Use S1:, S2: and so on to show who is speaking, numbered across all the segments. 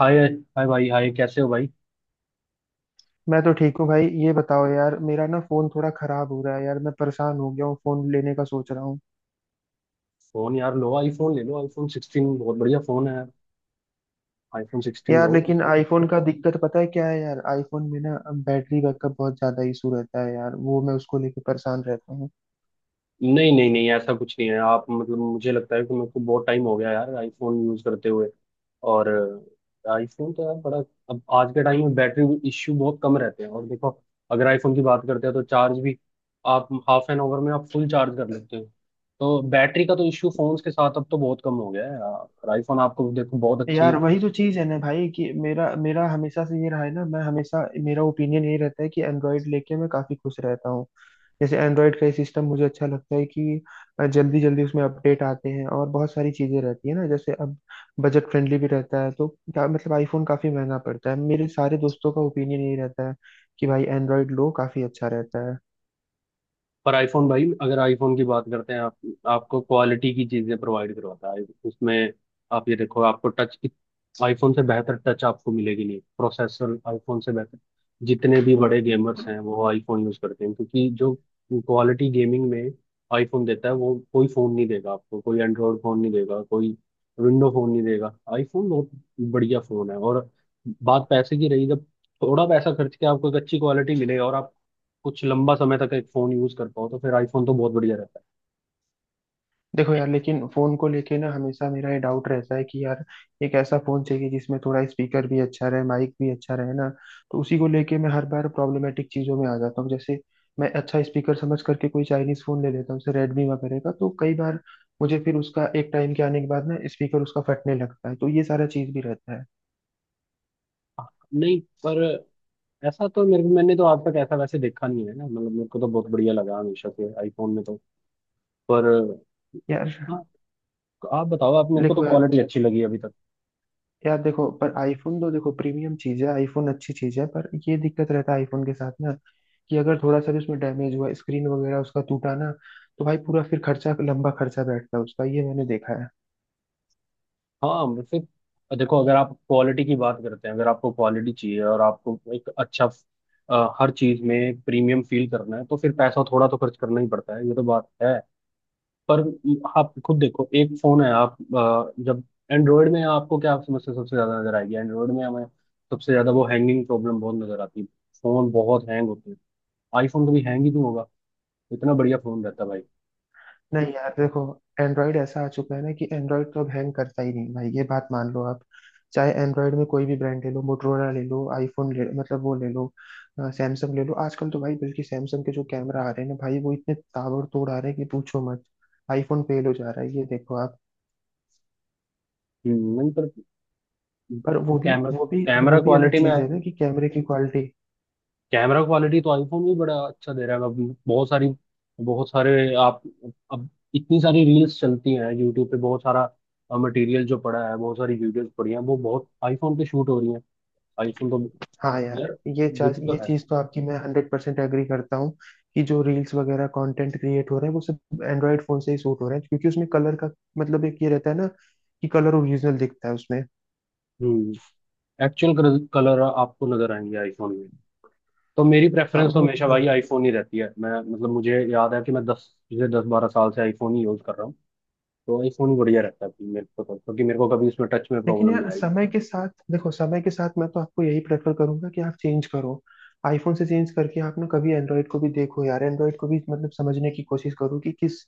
S1: हाय। Hi भाई, hi, कैसे हो भाई?
S2: मैं तो ठीक हूँ भाई। ये बताओ यार, मेरा ना फोन थोड़ा खराब हो रहा है यार, मैं परेशान हो गया हूँ। फोन लेने का सोच रहा हूँ।
S1: फोन यार लो, आईफोन ले लो। आईफोन 16 बहुत बढ़िया फोन है। आईफोन 16
S2: यार
S1: लो।
S2: लेकिन आईफोन का दिक्कत पता है क्या है यार, आईफोन में ना बैटरी बैकअप बहुत ज्यादा इशू रहता है यार। वो मैं उसको लेके परेशान रहता हूँ।
S1: नहीं नहीं नहीं, ऐसा कुछ नहीं है। आप मतलब मुझे लगता है कि मेरे को बहुत टाइम हो गया यार आईफोन यूज करते हुए। और आईफोन तो यार बड़ा, अब आज के टाइम में बैटरी इश्यू बहुत कम रहते हैं। और देखो, अगर आईफोन की बात करते हैं तो चार्ज भी आप हाफ एन आवर में आप फुल चार्ज कर लेते हो। तो बैटरी का तो इश्यू फोन्स के साथ अब तो बहुत कम हो गया है। और आईफोन आपको देखो बहुत अच्छी।
S2: यार वही तो चीज है ना भाई, कि मेरा मेरा हमेशा से ये रहा है ना, मैं हमेशा मेरा ओपिनियन ये रहता है कि एंड्रॉयड लेके मैं काफी खुश रहता हूँ। जैसे एंड्रॉयड का ये सिस्टम मुझे अच्छा लगता है कि जल्दी जल्दी उसमें अपडेट आते हैं, और बहुत सारी चीजें रहती है ना। जैसे अब बजट फ्रेंडली भी रहता है, तो क्या मतलब आईफोन काफी महंगा पड़ता है। मेरे सारे दोस्तों का ओपिनियन यही रहता है कि भाई एंड्रॉयड लो काफी अच्छा रहता है।
S1: पर आईफोन भाई, अगर आईफोन की बात करते हैं आप, आपको क्वालिटी की चीजें प्रोवाइड करवाता है उसमें। आप ये देखो, आपको टच, आईफोन से बेहतर टच आपको मिलेगी नहीं। प्रोसेसर आईफोन से बेहतर। जितने भी बड़े गेमर्स हैं वो आईफोन यूज करते हैं, क्योंकि जो क्वालिटी गेमिंग में आईफोन देता है वो कोई फोन नहीं देगा आपको। कोई एंड्रॉयड फोन नहीं देगा, कोई विंडो फोन नहीं देगा। आईफोन बहुत बढ़िया फोन है। और बात पैसे की रही, जब थोड़ा पैसा खर्च के आपको एक अच्छी क्वालिटी मिले और आप कुछ लंबा समय तक एक फोन यूज कर पाओ, तो फिर आईफोन तो बहुत बढ़िया रहता
S2: देखो यार, लेकिन फोन को लेके ना हमेशा मेरा ये डाउट रहता है कि यार एक ऐसा फोन चाहिए जिसमें थोड़ा स्पीकर भी अच्छा रहे, माइक भी अच्छा रहे ना। तो उसी को लेके मैं हर बार प्रॉब्लमेटिक चीजों में आ जाता हूँ। जैसे मैं अच्छा स्पीकर समझ करके कोई चाइनीज फोन ले लेता हूँ जैसे रेडमी वगैरह का, तो कई बार मुझे फिर उसका एक टाइम के आने के बाद ना स्पीकर उसका फटने लगता है। तो ये सारा चीज भी रहता है।
S1: है। नहीं, पर ऐसा तो मेरे मैंने तो आज तक ऐसा वैसे देखा नहीं है ना। मतलब मेरे को तो बहुत बढ़िया लगा हमेशा से आईफोन में। तो पर
S2: यार
S1: हाँ, आप बताओ, आप, मेरे को तो
S2: देखो यार,
S1: क्वालिटी अच्छी लगी अभी तक।
S2: देखो, पर आईफोन तो देखो प्रीमियम चीज है, आईफोन अच्छी चीज है, पर ये दिक्कत रहता है आईफोन के साथ ना कि अगर थोड़ा सा भी उसमें डैमेज हुआ, स्क्रीन वगैरह उसका टूटा ना, तो भाई पूरा फिर खर्चा, लंबा खर्चा बैठता है उसका। ये मैंने देखा है।
S1: हाँ फिर देखो, अगर आप क्वालिटी की बात करते हैं, अगर आपको क्वालिटी चाहिए और आपको एक अच्छा, हर चीज में प्रीमियम फील करना है, तो फिर पैसा थोड़ा तो खर्च करना ही पड़ता है, ये तो बात। पर आप खुद देखो, एक फोन है आप, जब एंड्रॉयड में आपको क्या समस्या सबसे ज्यादा नजर आएगी, एंड्रॉयड में हमें सबसे ज्यादा वो हैंगिंग प्रॉब्लम बहुत नजर आती है। फोन बहुत हैंग होते हैं। आईफोन तो भी हैंग ही नहीं होगा। इतना बढ़िया फोन रहता है भाई।
S2: नहीं यार, देखो एंड्रॉयड ऐसा आ चुका है ना कि एंड्रॉयड तो अब हैंग करता ही नहीं भाई। ये बात मान लो आप, चाहे एंड्रॉयड में कोई भी ब्रांड ले लो, मोटरोला ले लो, आईफोन ले, मतलब वो ले लो, सैमसंग ले लो। आजकल तो भाई बल्कि सैमसंग के जो कैमरा आ रहे हैं ना भाई, वो इतने ताबड़तोड़ आ रहे हैं कि पूछो मत। आईफोन फेल हो जा रहा है, ये देखो आप।
S1: नहीं, पर
S2: पर वो भी
S1: कैमरा,
S2: वो भी वो
S1: कैमरा
S2: भी अलग
S1: क्वालिटी में,
S2: चीज है ना, कि कैमरे की क्वालिटी।
S1: कैमरा क्वालिटी तो आईफोन भी बड़ा अच्छा दे रहा है। अब बहुत सारी, बहुत सारे आप, अब इतनी सारी रील्स चलती हैं यूट्यूब पे। बहुत सारा मटेरियल जो पड़ा है, बहुत सारी वीडियोस पड़ी हैं, वो बहुत आईफोन पे शूट हो रही हैं। आईफोन तो
S2: हाँ यार,
S1: यार।
S2: ये
S1: ये
S2: चार्ज,
S1: भी तो
S2: ये
S1: है।
S2: चीज तो आपकी मैं 100% एग्री करता हूँ कि जो रील्स वगैरह कंटेंट क्रिएट हो रहा है वो सब एंड्रॉयड फोन से ही शूट हो रहा है, क्योंकि उसमें कलर का मतलब एक ये रहता है ना कि कलर ओरिजिनल दिखता है उसमें।
S1: हम्म। एक्चुअल कलर आपको नजर आएंगे आईफोन में। तो मेरी
S2: हाँ
S1: प्रेफरेंस तो
S2: वो तो
S1: हमेशा
S2: है।
S1: भाई आईफोन ही रहती है। मैं मतलब मुझे याद है कि मैं 10-12 साल से आईफोन ही यूज कर रहा हूँ। तो आईफोन ही बढ़िया रहता है मेरे को तो, क्योंकि मेरे को कभी इसमें टच में
S2: लेकिन
S1: प्रॉब्लम नहीं
S2: यार
S1: आई।
S2: समय के साथ देखो, समय के साथ मैं तो आपको यही प्रेफर करूंगा कि आप चेंज करो। आईफोन से चेंज करके आप ना कभी एंड्रॉयड को भी देखो यार, एंड्रॉयड को भी मतलब समझने की कोशिश करो कि किस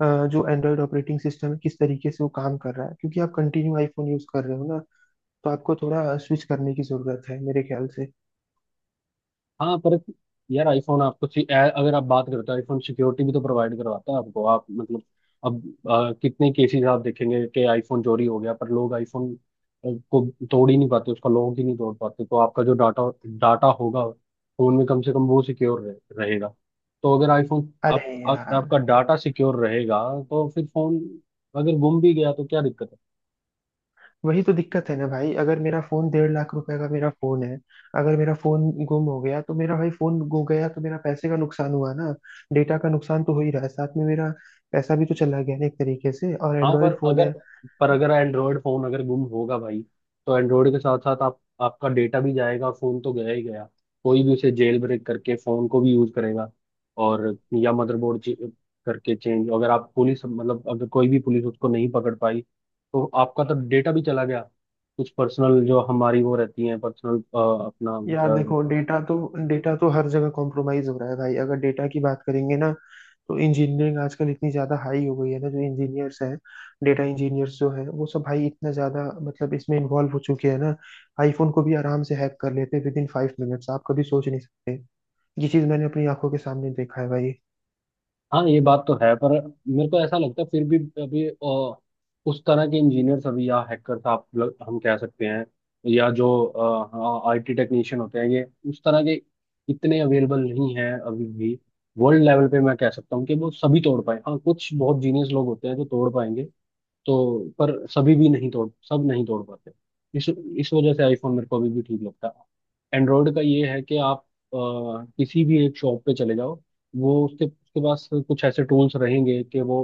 S2: जो एंड्रॉयड ऑपरेटिंग सिस्टम है किस तरीके से वो काम कर रहा है। क्योंकि आप कंटिन्यू आईफोन यूज कर रहे हो ना, तो आपको थोड़ा स्विच करने की जरूरत है मेरे ख्याल से।
S1: हाँ पर यार, आईफोन आपको अगर आप बात करो तो आईफोन सिक्योरिटी भी तो प्रोवाइड करवाता है आपको। आप मतलब अब, कितने केसेस आप देखेंगे कि आईफोन चोरी हो गया, पर लोग आईफोन को तोड़ ही नहीं पाते, उसका लॉक ही नहीं तोड़ पाते। तो आपका जो डाटा, डाटा होगा फोन में, कम से कम वो सिक्योर रहेगा। तो अगर आईफोन
S2: अरे यार,
S1: आपका डाटा सिक्योर रहेगा। तो फिर फोन अगर गुम भी गया तो क्या दिक्कत है?
S2: वही तो दिक्कत है ना भाई। अगर मेरा फोन 1,50,000 रुपए का मेरा फोन है, अगर मेरा फोन गुम हो गया, तो मेरा भाई फोन गुम गया तो मेरा पैसे का नुकसान हुआ ना। डेटा का नुकसान तो हो ही रहा है, साथ में मेरा पैसा भी तो चला गया ना एक तरीके से। और
S1: हाँ पर
S2: एंड्रॉयड फोन
S1: अगर,
S2: है।
S1: पर अगर एंड्रॉयड फोन अगर गुम होगा भाई, तो एंड्रॉयड के साथ साथ आप आपका डेटा भी जाएगा, फोन तो गया ही गया। कोई भी उसे जेल ब्रेक करके फोन को भी यूज करेगा। और या मदरबोर्ड करके चेंज, अगर आप पुलिस मतलब, अगर कोई भी पुलिस उसको नहीं पकड़ पाई तो आपका तो डेटा भी चला गया। कुछ पर्सनल जो हमारी वो रहती है पर्सनल अपना।
S2: यार देखो, डेटा तो हर जगह कॉम्प्रोमाइज हो रहा है भाई। अगर डेटा की बात करेंगे ना, तो इंजीनियरिंग आजकल इतनी ज्यादा हाई हो गई है ना, जो इंजीनियर्स हैं, डेटा इंजीनियर्स जो हैं, वो सब भाई इतना ज्यादा मतलब इसमें इन्वॉल्व हो चुके हैं ना। आईफोन को भी आराम से हैक कर लेते हैं विद इन 5 मिनट्स, आप कभी सोच नहीं सकते। ये चीज मैंने अपनी आंखों के सामने देखा है भाई।
S1: हाँ, ये बात तो है, पर मेरे को ऐसा लगता है फिर भी अभी उस तरह के इंजीनियर्स अभी, या हैकर्स, हम कह सकते हैं, या जो आईटी टेक्नीशियन होते हैं, ये उस तरह के इतने अवेलेबल नहीं हैं अभी भी वर्ल्ड लेवल पे। मैं कह सकता हूँ कि वो सभी तोड़ पाए। हाँ, कुछ बहुत जीनियस लोग होते हैं जो तोड़ पाएंगे, तो पर सभी भी नहीं तोड़, सब नहीं तोड़ पाते। इस वजह से आईफोन मेरे को अभी भी ठीक लगता है। एंड्रॉयड का ये है कि आप अ, किसी भी एक शॉप पे चले जाओ, वो उसके उसके पास कुछ ऐसे टूल्स रहेंगे कि वो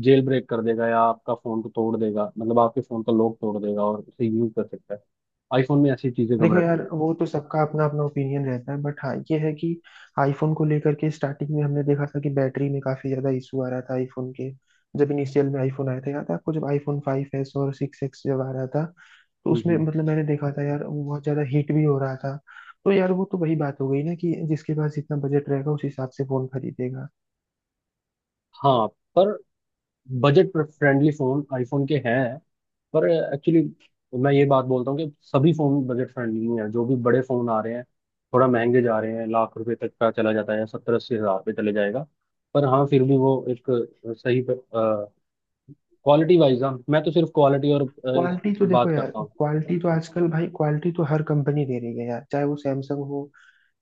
S1: जेल ब्रेक कर देगा या आपका फोन को तोड़ देगा, मतलब आपके फोन का लॉक तोड़ देगा और उसे यूज कर सकता है। आईफोन में ऐसी चीजें कम
S2: देखो यार,
S1: रहती हैं।
S2: वो तो सबका अपना अपना ओपिनियन रहता है। बट हाँ, ये है कि आईफोन को लेकर के स्टार्टिंग में हमने देखा था कि बैटरी में काफी ज्यादा इशू आ रहा था आईफोन के। जब इनिशियल में आईफोन आया था, याद है आपको, जब आईफोन 5 एस और 6 एक्स जब आ रहा था, तो उसमें
S1: हम्म,
S2: मतलब मैंने देखा था यार वो बहुत ज्यादा हीट भी हो रहा था। तो यार वो तो वही बात हो गई ना कि जिसके पास जितना बजट रहेगा उस हिसाब से फोन खरीदेगा।
S1: हाँ, पर बजट फ्रेंडली फोन आईफोन के हैं। पर एक्चुअली मैं ये बात बोलता हूँ कि सभी फोन बजट फ्रेंडली नहीं है। जो भी बड़े फोन आ रहे हैं, थोड़ा महंगे जा रहे हैं, लाख रुपए तक का चला जाता है, 70-80 हज़ार रुपये चले जाएगा। पर हाँ, फिर भी वो एक सही क्वालिटी वाइज। हाँ मैं तो सिर्फ क्वालिटी और इस
S2: क्वालिटी तो देखो
S1: बात
S2: यार,
S1: करता हूँ।
S2: क्वालिटी तो आजकल भाई, क्वालिटी तो हर कंपनी दे रही है यार, चाहे वो सैमसंग हो,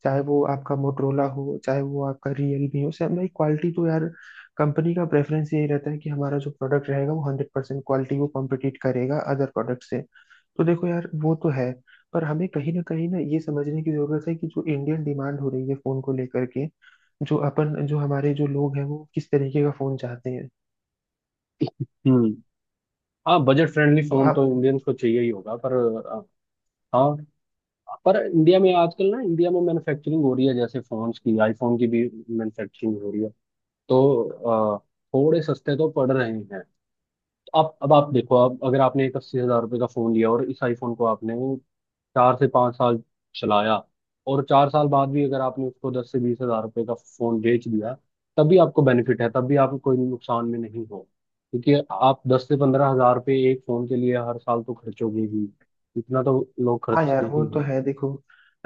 S2: चाहे वो आपका मोटरोला हो, चाहे वो आपका रियलमी हो, सैमसंग भाई। क्वालिटी तो यार कंपनी का प्रेफरेंस यही रहता है कि हमारा जो प्रोडक्ट रहेगा वो 100% क्वालिटी को कॉम्पिटिट करेगा अदर प्रोडक्ट से। तो देखो यार वो तो है। पर हमें कहीं ना ये समझने की जरूरत है कि जो इंडियन डिमांड हो रही है फोन को लेकर के, जो अपन, जो हमारे जो लोग हैं वो किस तरीके का फोन चाहते हैं।
S1: हम्म। हाँ, बजट फ्रेंडली
S2: तो
S1: फोन तो
S2: आप,
S1: इंडियंस को चाहिए ही होगा। पर अ, हाँ, पर इंडिया में आजकल ना, इंडिया में मैन्युफैक्चरिंग हो रही है, जैसे फोन्स की, आईफोन की भी मैन्युफैक्चरिंग हो रही है। तो थोड़े सस्ते तो पड़ रहे हैं। तो आप, अब आप देखो, अब अगर आपने एक 80 हज़ार रुपये का फोन लिया और इस आईफोन को आपने 4 से 5 साल चलाया, और 4 साल बाद भी अगर आपने उसको 10 से 20 हज़ार रुपये का फोन बेच दिया, तब भी आपको बेनिफिट है, तब भी आपको कोई नुकसान में नहीं हो। क्योंकि आप 10 से 15 हज़ार रुपये एक फोन के लिए हर साल तो खर्चोगे ही। इतना तो लोग
S2: हाँ
S1: खर्चते
S2: यार वो
S1: ही
S2: तो
S1: हैं।
S2: है। देखो,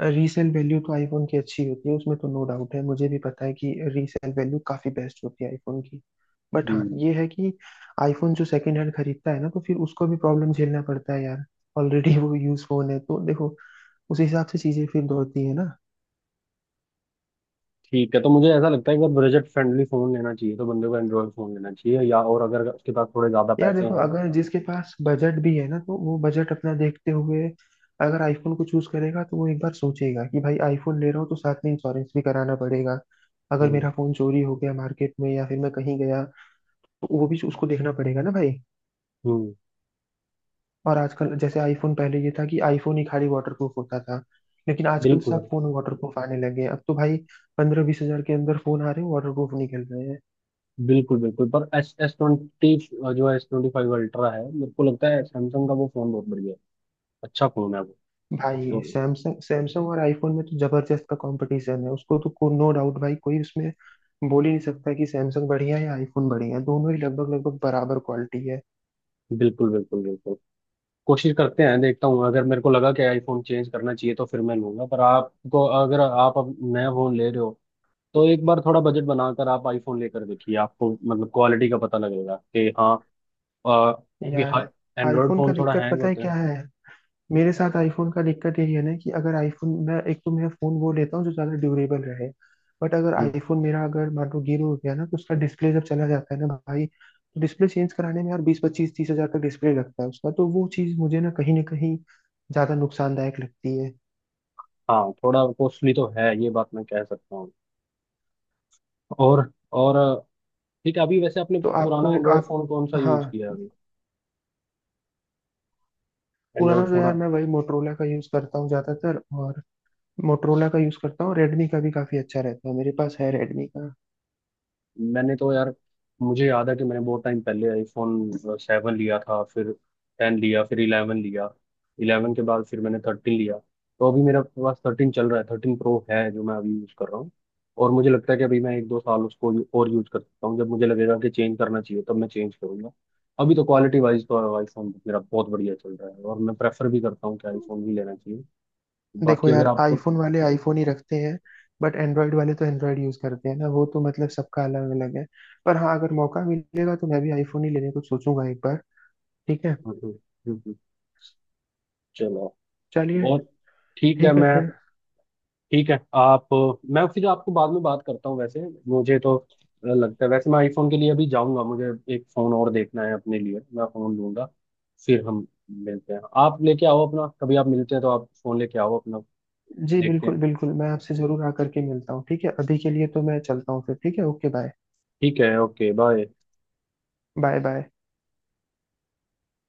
S2: रीसेल वैल्यू तो आईफोन की अच्छी होती है, उसमें तो नो डाउट है, मुझे भी पता है कि रीसेल वैल्यू काफी बेस्ट होती है आईफोन की। बट हाँ
S1: हम्म।
S2: ये है कि आईफोन जो सेकंड हैंड खरीदता है ना, तो फिर उसको भी प्रॉब्लम झेलना पड़ता है यार, ऑलरेडी वो यूज फोन है। तो देखो उस हिसाब से चीजें फिर दौड़ती है ना।
S1: ठीक है, तो मुझे ऐसा लगता है कि अगर बजट फ्रेंडली फोन लेना चाहिए तो बंदे को एंड्रॉयड फोन लेना चाहिए, या और अगर उसके पास थोड़े ज्यादा
S2: यार
S1: पैसे
S2: देखो,
S1: हैं।
S2: अगर जिसके पास बजट भी है ना, तो वो बजट अपना देखते हुए अगर आईफोन को चूज करेगा, तो वो एक बार सोचेगा कि भाई आईफोन ले रहा हूँ तो साथ में इंश्योरेंस भी कराना पड़ेगा। अगर
S1: हम्म।
S2: मेरा फोन चोरी हो गया मार्केट में, या फिर मैं कहीं गया, तो वो भी उसको देखना पड़ेगा ना भाई।
S1: हम्म।
S2: और आजकल जैसे आईफोन, पहले ये था कि आईफोन ही खाली वाटरप्रूफ होता था, लेकिन आजकल
S1: बिल्कुल
S2: सब फोन वाटरप्रूफ आने लगे हैं। अब तो भाई 15-20 हजार के अंदर फोन आ रहे हैं, वाटरप्रूफ निकल रहे हैं।
S1: बिल्कुल बिल्कुल, पर एस एस ट्वेंटी जो है, S25 Ultra है, मेरे को लगता है सैमसंग का, वो फोन बहुत बढ़िया है, अच्छा फोन है वो।
S2: भाई
S1: तो
S2: सैमसंग, सैमसंग और आईफोन में तो जबरदस्त का कंपटीशन है, उसको तो नो डाउट भाई। कोई उसमें बोल ही नहीं सकता कि सैमसंग बढ़िया है या आईफोन बढ़िया है, दोनों ही लगभग लगभग बराबर क्वालिटी है।
S1: बिल्कुल बिल्कुल बिल्कुल। कोशिश करते हैं, देखता हूँ, अगर मेरे को लगा कि आईफोन चेंज करना चाहिए तो फिर मैं लूंगा। पर आपको, अगर आप अब नया फोन ले रहे हो, तो एक बार थोड़ा बजट बनाकर आप आईफोन लेकर देखिए, आपको मतलब क्वालिटी का पता लगेगा कि हाँ, क्योंकि
S2: यार
S1: हाँ, एंड्रॉयड
S2: आईफोन
S1: फोन
S2: का
S1: थोड़ा
S2: दिक्कत
S1: हैंग
S2: पता है
S1: होते
S2: क्या
S1: हैं।
S2: है, मेरे साथ आईफोन का दिक्कत यही है ना कि अगर आईफोन मैं, एक तो मैं फोन वो लेता हूँ जो ज्यादा ड्यूरेबल रहे, बट अगर
S1: हम्म,
S2: आईफोन मेरा अगर मान लो गिर हो गया ना, तो उसका डिस्प्ले जब चला जाता है ना भाई, तो डिस्प्ले चेंज कराने में यार 20-25-30 हजार का डिस्प्ले लगता है उसका। तो वो चीज मुझे ना कहीं ज्यादा नुकसानदायक लगती है।
S1: हाँ, थोड़ा कॉस्टली तो है, ये बात मैं कह सकता हूँ। और और ठीक है, अभी वैसे आपने
S2: तो
S1: पुराना
S2: आपको
S1: एंड्रॉयड
S2: आप
S1: फोन कौन सा
S2: हाँ,
S1: यूज किया है अभी?
S2: पुराना
S1: एंड्रॉयड
S2: तो
S1: फोन?
S2: यार मैं वही मोटरोला का यूज करता हूँ ज्यादातर, और मोटरोला का यूज करता हूँ। रेडमी का भी काफी अच्छा रहता है, मेरे पास है रेडमी का।
S1: मैंने तो यार, मुझे याद है कि मैंने बहुत टाइम पहले आईफोन 7 लिया था, फिर 10 लिया, फिर 11 लिया। इलेवन के बाद फिर मैंने 13 लिया। तो अभी मेरे पास 13 चल रहा है, 13 Pro है जो मैं अभी यूज़ कर रहा हूँ। और मुझे लगता है कि अभी मैं एक दो साल उसको और यूज़ कर सकता हूँ। जब मुझे लगेगा कि चेंज करना चाहिए तब मैं चेंज करूंगा। अभी तो क्वालिटी वाइज तो आईफोन मेरा बहुत बढ़िया चल रहा है और मैं प्रेफर भी करता हूँ कि आईफोन ही लेना चाहिए।
S2: देखो
S1: बाकी अगर
S2: यार,
S1: आपको।
S2: आईफोन वाले आईफोन ही रखते हैं, बट एंड्रॉयड वाले तो एंड्रॉयड यूज करते हैं ना, वो तो मतलब सबका अलग अलग है। पर हाँ अगर मौका मिलेगा तो मैं भी आईफोन ही लेने को सोचूंगा एक बार। ठीक है।
S1: हम्म। हम्म। हम्म। चलो।
S2: चलिए।
S1: और ठीक है,
S2: ठीक है
S1: मैं,
S2: फिर।
S1: ठीक है आप, मैं फिर आपको बाद में बात करता हूँ। वैसे मुझे तो लगता है, वैसे मैं आईफोन के लिए अभी जाऊंगा। मुझे एक फ़ोन और देखना है अपने लिए, मैं फ़ोन लूंगा, फिर हम मिलते हैं। आप लेके आओ अपना कभी, आप मिलते हैं तो आप फ़ोन लेके आओ अपना।
S2: जी
S1: देखते
S2: बिल्कुल
S1: हैं।
S2: बिल्कुल, मैं आपसे जरूर आकर के मिलता हूँ, ठीक है। अभी के लिए तो मैं चलता हूँ फिर, ठीक है, ओके बाय।
S1: ठीक है, ओके, बाय।
S2: Bye bye.